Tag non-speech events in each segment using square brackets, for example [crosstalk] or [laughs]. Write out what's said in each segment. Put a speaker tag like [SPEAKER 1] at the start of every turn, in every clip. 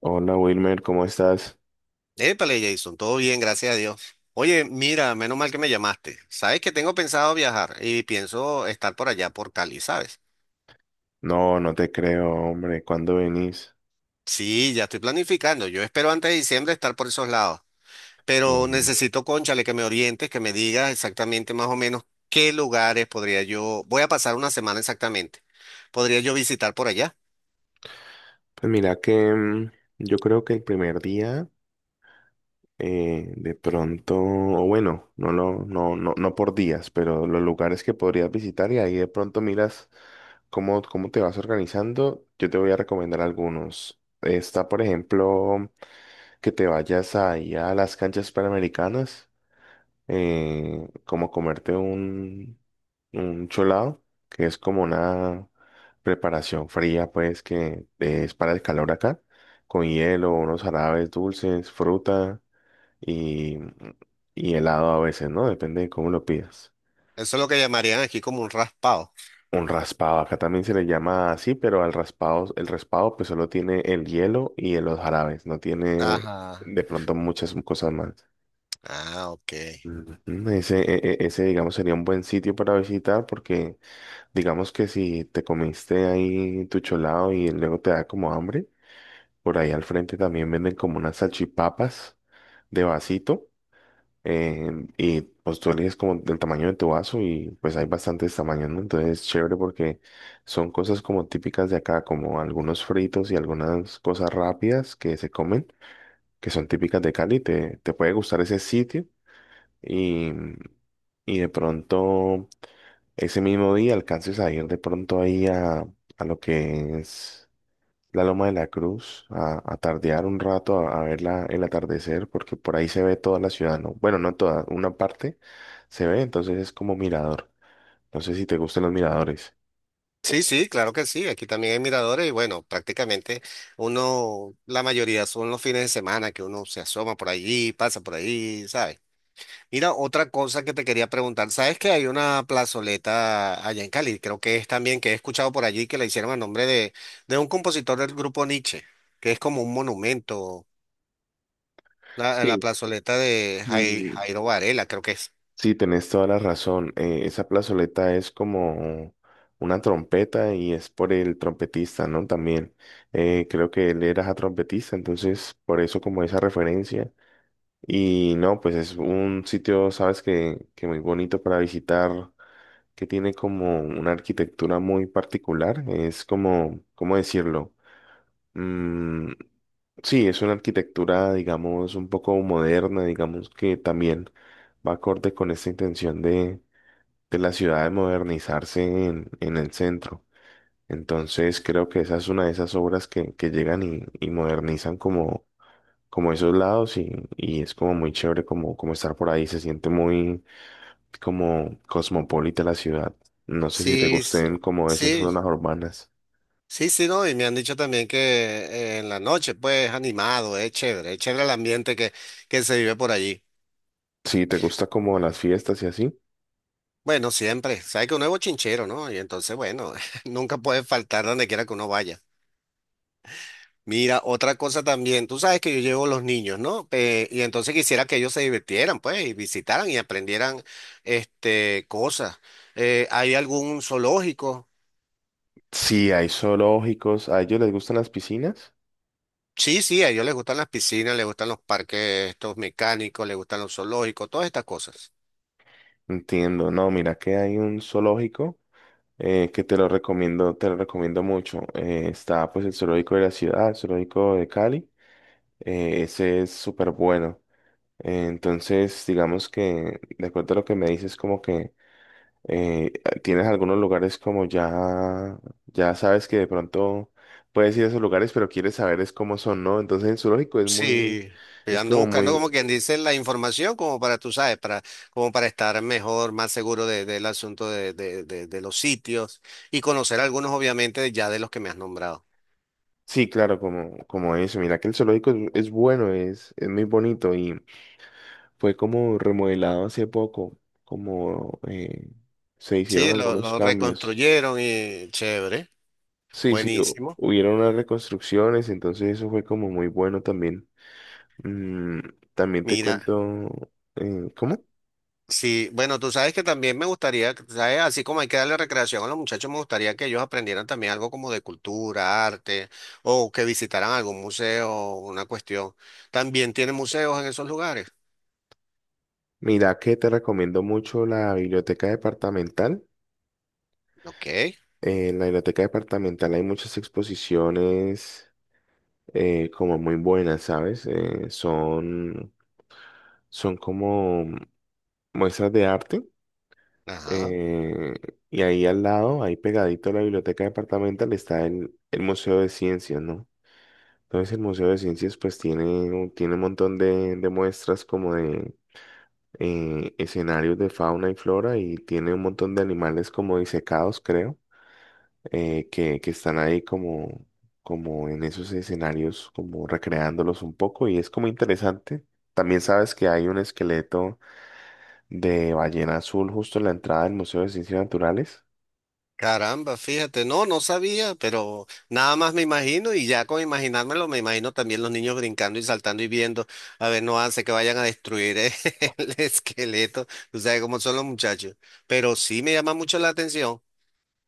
[SPEAKER 1] Hola Wilmer, ¿cómo estás?
[SPEAKER 2] Épale, Jason, todo bien, gracias a Dios. Oye, mira, menos mal que me llamaste. Sabes que tengo pensado viajar y pienso estar por allá por Cali, ¿sabes?
[SPEAKER 1] No, no te creo, hombre, ¿cuándo venís?
[SPEAKER 2] Sí, ya estoy planificando. Yo espero antes de diciembre estar por esos lados. Pero
[SPEAKER 1] Mm.
[SPEAKER 2] necesito, cónchale, que me orientes, que me digas exactamente más o menos qué lugares podría yo. Voy a pasar una semana exactamente. ¿Podría yo visitar por allá?
[SPEAKER 1] Pues mira que yo creo que el primer día, de pronto, o bueno, no, no, no, no por días, pero los lugares que podrías visitar y ahí de pronto miras cómo te vas organizando. Yo te voy a recomendar algunos. Está, por ejemplo, que te vayas ahí a las canchas panamericanas. Como comerte un, cholado, que es como una preparación fría, pues, que es para el calor acá, con hielo, unos jarabes dulces, fruta y, y helado a veces, ¿no? Depende de cómo lo pidas.
[SPEAKER 2] Eso es lo que llamarían aquí como un raspado.
[SPEAKER 1] Un raspado, acá también se le llama así, pero al raspado, el raspado pues solo tiene el hielo y los jarabes, no tiene
[SPEAKER 2] Ajá.
[SPEAKER 1] de pronto muchas cosas más.
[SPEAKER 2] Ah, ok.
[SPEAKER 1] Ujú. Ese, digamos, sería un buen sitio para visitar, porque digamos que si te comiste ahí tu cholado y luego te da como hambre, por ahí al frente también venden como unas salchipapas de vasito. Y pues tú eliges como del tamaño de tu vaso y pues hay bastantes tamaños, ¿no? Entonces es chévere porque son cosas como típicas de acá, como algunos fritos y algunas cosas rápidas que se comen, que son típicas de Cali. Te puede gustar ese sitio y, y de pronto ese mismo día alcances a ir de pronto ahí a lo que es la Loma de la Cruz, a tardear un rato, a ver el atardecer, porque por ahí se ve toda la ciudad, ¿no? Bueno, no toda, una parte se ve, entonces es como mirador. No sé si te gustan los miradores.
[SPEAKER 2] Sí, sí, claro que sí. Aquí también hay miradores y bueno, prácticamente uno, la mayoría son los fines de semana que uno se asoma por allí, pasa por allí, ¿sabes? Mira, otra cosa que te quería preguntar, ¿sabes que hay una plazoleta allá en Cali? Creo que es también que he escuchado por allí que la hicieron a nombre de un compositor del grupo Nietzsche, que es como un monumento, la
[SPEAKER 1] Sí.
[SPEAKER 2] plazoleta de
[SPEAKER 1] Mm.
[SPEAKER 2] Jairo Varela, creo que es.
[SPEAKER 1] Sí, tenés toda la razón. Esa plazoleta es como una trompeta y es por el trompetista, ¿no? También creo que él era trompetista, entonces por eso como esa referencia. Y no, pues es un sitio, sabes, que, muy bonito para visitar, que tiene como una arquitectura muy particular. Es como, ¿cómo decirlo? Mm, sí, es una arquitectura, digamos, un poco moderna, digamos, que también va acorde con esta intención de la ciudad de modernizarse en el centro. Entonces, creo que esa es una de esas obras que llegan y modernizan como esos lados, y es como muy chévere como estar por ahí. Se siente muy como cosmopolita la ciudad. No sé si te
[SPEAKER 2] Sí, s-
[SPEAKER 1] gusten como esas zonas
[SPEAKER 2] sí,
[SPEAKER 1] urbanas.
[SPEAKER 2] Sí, sí, no, y me han dicho también que en la noche, pues, animado, es chévere el ambiente que se vive por allí.
[SPEAKER 1] Si te gusta como las fiestas y así.
[SPEAKER 2] Bueno, siempre, sabes que uno es bochinchero, ¿no? Y entonces, bueno, [laughs] nunca puede faltar donde quiera que uno vaya. Mira, otra cosa también, tú sabes que yo llevo los niños, ¿no? Y entonces quisiera que ellos se divirtieran, pues, y visitaran y aprendieran, este, cosas. ¿Hay algún zoológico?
[SPEAKER 1] Si hay zoológicos, ¿a ellos les gustan las piscinas?
[SPEAKER 2] Sí, sí, a ellos les gustan las piscinas, les gustan los parques, estos mecánicos, les gustan los zoológicos, todas estas cosas.
[SPEAKER 1] Entiendo, no, mira que hay un zoológico que te lo recomiendo mucho. Está pues el zoológico de la ciudad, el zoológico de Cali. Ese es súper bueno. Entonces, digamos que, de acuerdo a lo que me dices, como que eh, tienes algunos lugares como ya sabes que de pronto puedes ir a esos lugares, pero quieres saber es cómo son, ¿no? Entonces el zoológico es muy,
[SPEAKER 2] Sí, yo
[SPEAKER 1] es
[SPEAKER 2] ando
[SPEAKER 1] como
[SPEAKER 2] buscando
[SPEAKER 1] muy,
[SPEAKER 2] como quien dice la información como para, tú sabes, para, como para estar mejor, más seguro del asunto de, de los sitios y conocer algunos obviamente ya de los que me has nombrado.
[SPEAKER 1] sí, claro, como, eso. Mira que el zoológico es bueno, es muy bonito y fue como remodelado hace poco, como se hicieron
[SPEAKER 2] Sí, lo,
[SPEAKER 1] algunos
[SPEAKER 2] lo
[SPEAKER 1] cambios.
[SPEAKER 2] reconstruyeron y chévere,
[SPEAKER 1] Sí, sí,
[SPEAKER 2] buenísimo.
[SPEAKER 1] hubieron unas reconstrucciones, entonces eso fue como muy bueno también. Mm, también te
[SPEAKER 2] Mira,
[SPEAKER 1] cuento, ¿cómo?
[SPEAKER 2] sí, bueno, tú sabes que también me gustaría, ¿sabes? Así como hay que darle recreación a los muchachos, me gustaría que ellos aprendieran también algo como de cultura, arte, o que visitaran algún museo, una cuestión. ¿También tienen museos en esos lugares?
[SPEAKER 1] Mira que te recomiendo mucho la biblioteca departamental.
[SPEAKER 2] Ok,
[SPEAKER 1] En la biblioteca departamental hay muchas exposiciones como muy buenas, ¿sabes? Son como muestras de arte.
[SPEAKER 2] ajá.
[SPEAKER 1] eh, y ahí al lado, ahí pegadito a la biblioteca departamental, está el Museo de Ciencias, ¿no? Entonces el Museo de Ciencias pues tiene un montón de muestras como de escenarios de fauna y flora, y tiene un montón de animales como disecados, creo, que están ahí como en esos escenarios, como recreándolos un poco, y es como interesante. También sabes que hay un esqueleto de ballena azul justo en la entrada del Museo de Ciencias Naturales.
[SPEAKER 2] Caramba, fíjate, no, no sabía, pero nada más me imagino y ya con imaginármelo me imagino también los niños brincando y saltando y viendo, a ver, no hace que vayan a destruir [laughs] el esqueleto, tú sabes cómo son los muchachos, pero sí me llama mucho la atención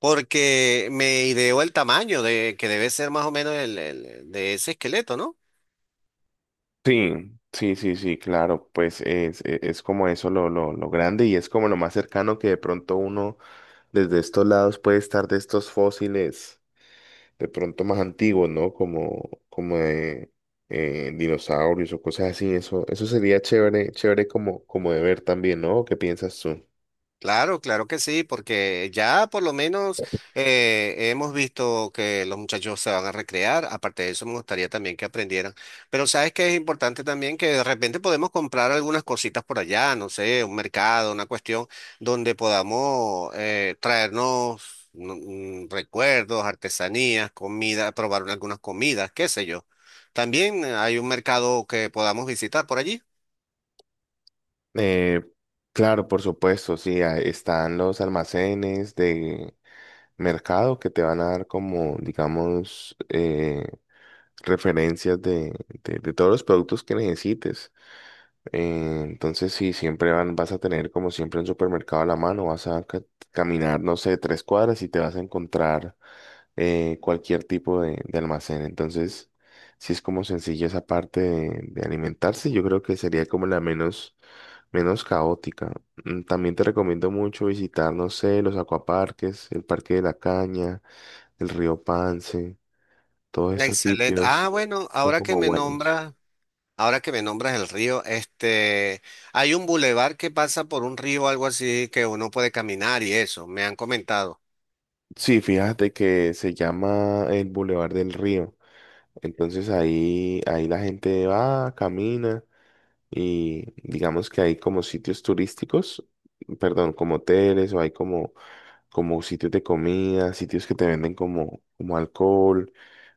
[SPEAKER 2] porque me ideó el tamaño de que debe ser más o menos de ese esqueleto, ¿no?
[SPEAKER 1] Sí, sí, sí, sí, claro, pues es como eso, lo grande, y es como lo más cercano que de pronto uno desde estos lados puede estar de estos fósiles. De pronto más antiguos, ¿no? Como de dinosaurios o cosas así. Eso sería chévere, chévere como de ver también, ¿no? ¿Qué piensas tú?
[SPEAKER 2] Claro, claro que sí, porque ya por lo menos hemos visto que los muchachos se van a recrear. Aparte de eso, me gustaría también que aprendieran. Pero sabes que es importante también que de repente podemos comprar algunas cositas por allá, no sé, un mercado, una cuestión donde podamos traernos recuerdos, artesanías, comida, probar algunas comidas, qué sé yo. También hay un mercado que podamos visitar por allí.
[SPEAKER 1] Eh, claro, por supuesto, sí, ah, están los almacenes de mercado que te van a dar como, digamos, referencias de todos los productos que necesites. Entonces, sí, siempre vas a tener como siempre un supermercado a la mano, vas a caminar, no sé, 3 cuadras y te vas a encontrar cualquier tipo de almacén. Entonces, si es como sencilla esa parte de alimentarse, yo creo que sería como la menos caótica. También te recomiendo mucho visitar, no sé, los acuaparques, el Parque de la Caña, el río Pance, todos estos
[SPEAKER 2] Excelente. Ah,
[SPEAKER 1] sitios
[SPEAKER 2] bueno,
[SPEAKER 1] son
[SPEAKER 2] ahora que
[SPEAKER 1] como
[SPEAKER 2] me
[SPEAKER 1] buenos.
[SPEAKER 2] nombras. Ahora que me nombras el río, este, hay un bulevar que pasa por un río o algo así que uno puede caminar y eso, me han comentado.
[SPEAKER 1] Sí, fíjate que se llama el Boulevard del Río. Entonces ahí la gente va, camina, y digamos que hay como sitios turísticos, perdón, como hoteles, o hay como sitios de comida, sitios que te venden como alcohol,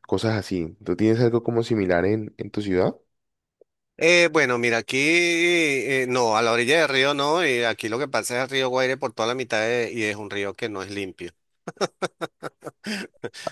[SPEAKER 1] cosas así. ¿Tú tienes algo como similar en tu ciudad?
[SPEAKER 2] Bueno, mira, aquí, no, a la orilla del río no, y aquí lo que pasa es el río Guaire por toda la mitad y es un río que no es limpio.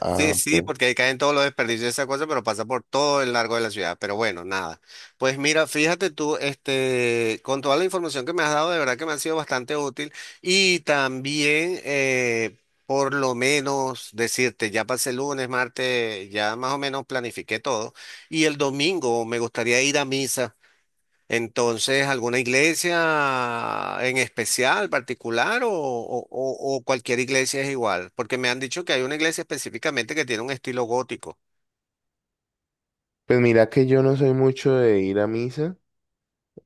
[SPEAKER 1] Ah,
[SPEAKER 2] Sí, sí,
[SPEAKER 1] ok.
[SPEAKER 2] porque ahí caen todos los desperdicios de esa cosa, pero pasa por todo el largo de la ciudad. Pero bueno, nada. Pues mira, fíjate tú, este, con toda la información que me has dado, de verdad que me ha sido bastante útil. Y también, por lo menos decirte, ya pasé lunes, martes, ya más o menos planifiqué todo. Y el domingo me gustaría ir a misa. Entonces, ¿alguna iglesia en especial, particular o, o cualquier iglesia es igual? Porque me han dicho que hay una iglesia específicamente que tiene un estilo gótico.
[SPEAKER 1] Pues mira que yo no soy mucho de ir a misa,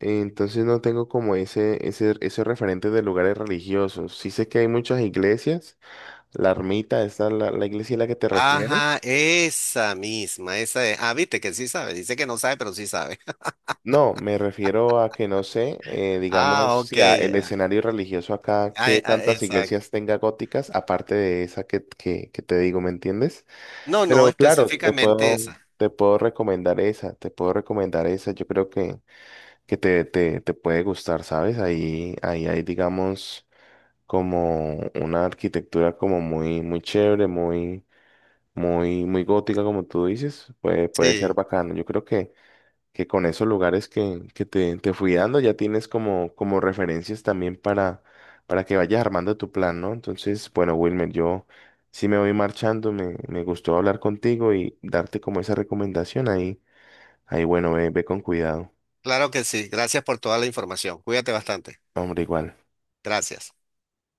[SPEAKER 1] entonces no tengo como ese referente de lugares religiosos. Sí sé que hay muchas iglesias. La ermita, ¿esta la iglesia a la que te
[SPEAKER 2] Ajá,
[SPEAKER 1] refieres?
[SPEAKER 2] esa misma, esa es. Ah, viste que sí sabe, dice que no sabe, pero sí sabe. [laughs]
[SPEAKER 1] No, me refiero a que no sé,
[SPEAKER 2] Ah,
[SPEAKER 1] digamos,
[SPEAKER 2] ok,
[SPEAKER 1] si el
[SPEAKER 2] ah,
[SPEAKER 1] escenario religioso acá, que tantas
[SPEAKER 2] exacto.
[SPEAKER 1] iglesias tenga góticas, aparte de esa que te digo, ¿me entiendes?
[SPEAKER 2] No, no,
[SPEAKER 1] Pero claro,
[SPEAKER 2] específicamente esa.
[SPEAKER 1] te puedo recomendar esa, te puedo recomendar esa. Yo creo que te, te puede gustar, ¿sabes? Ahí hay, digamos, como una arquitectura como muy, muy chévere, muy muy, muy gótica, como tú dices. Puede
[SPEAKER 2] Sí,
[SPEAKER 1] ser bacano. Yo creo que con esos lugares que te, fui dando, ya tienes como referencias también para que vayas armando tu plan, ¿no? Entonces, bueno, Wilmer, yo sí me voy marchando, me gustó hablar contigo y darte como esa recomendación ahí. Ahí, bueno, ve, ve con cuidado.
[SPEAKER 2] claro que sí. Gracias por toda la información. Cuídate bastante.
[SPEAKER 1] Hombre, igual.
[SPEAKER 2] Gracias.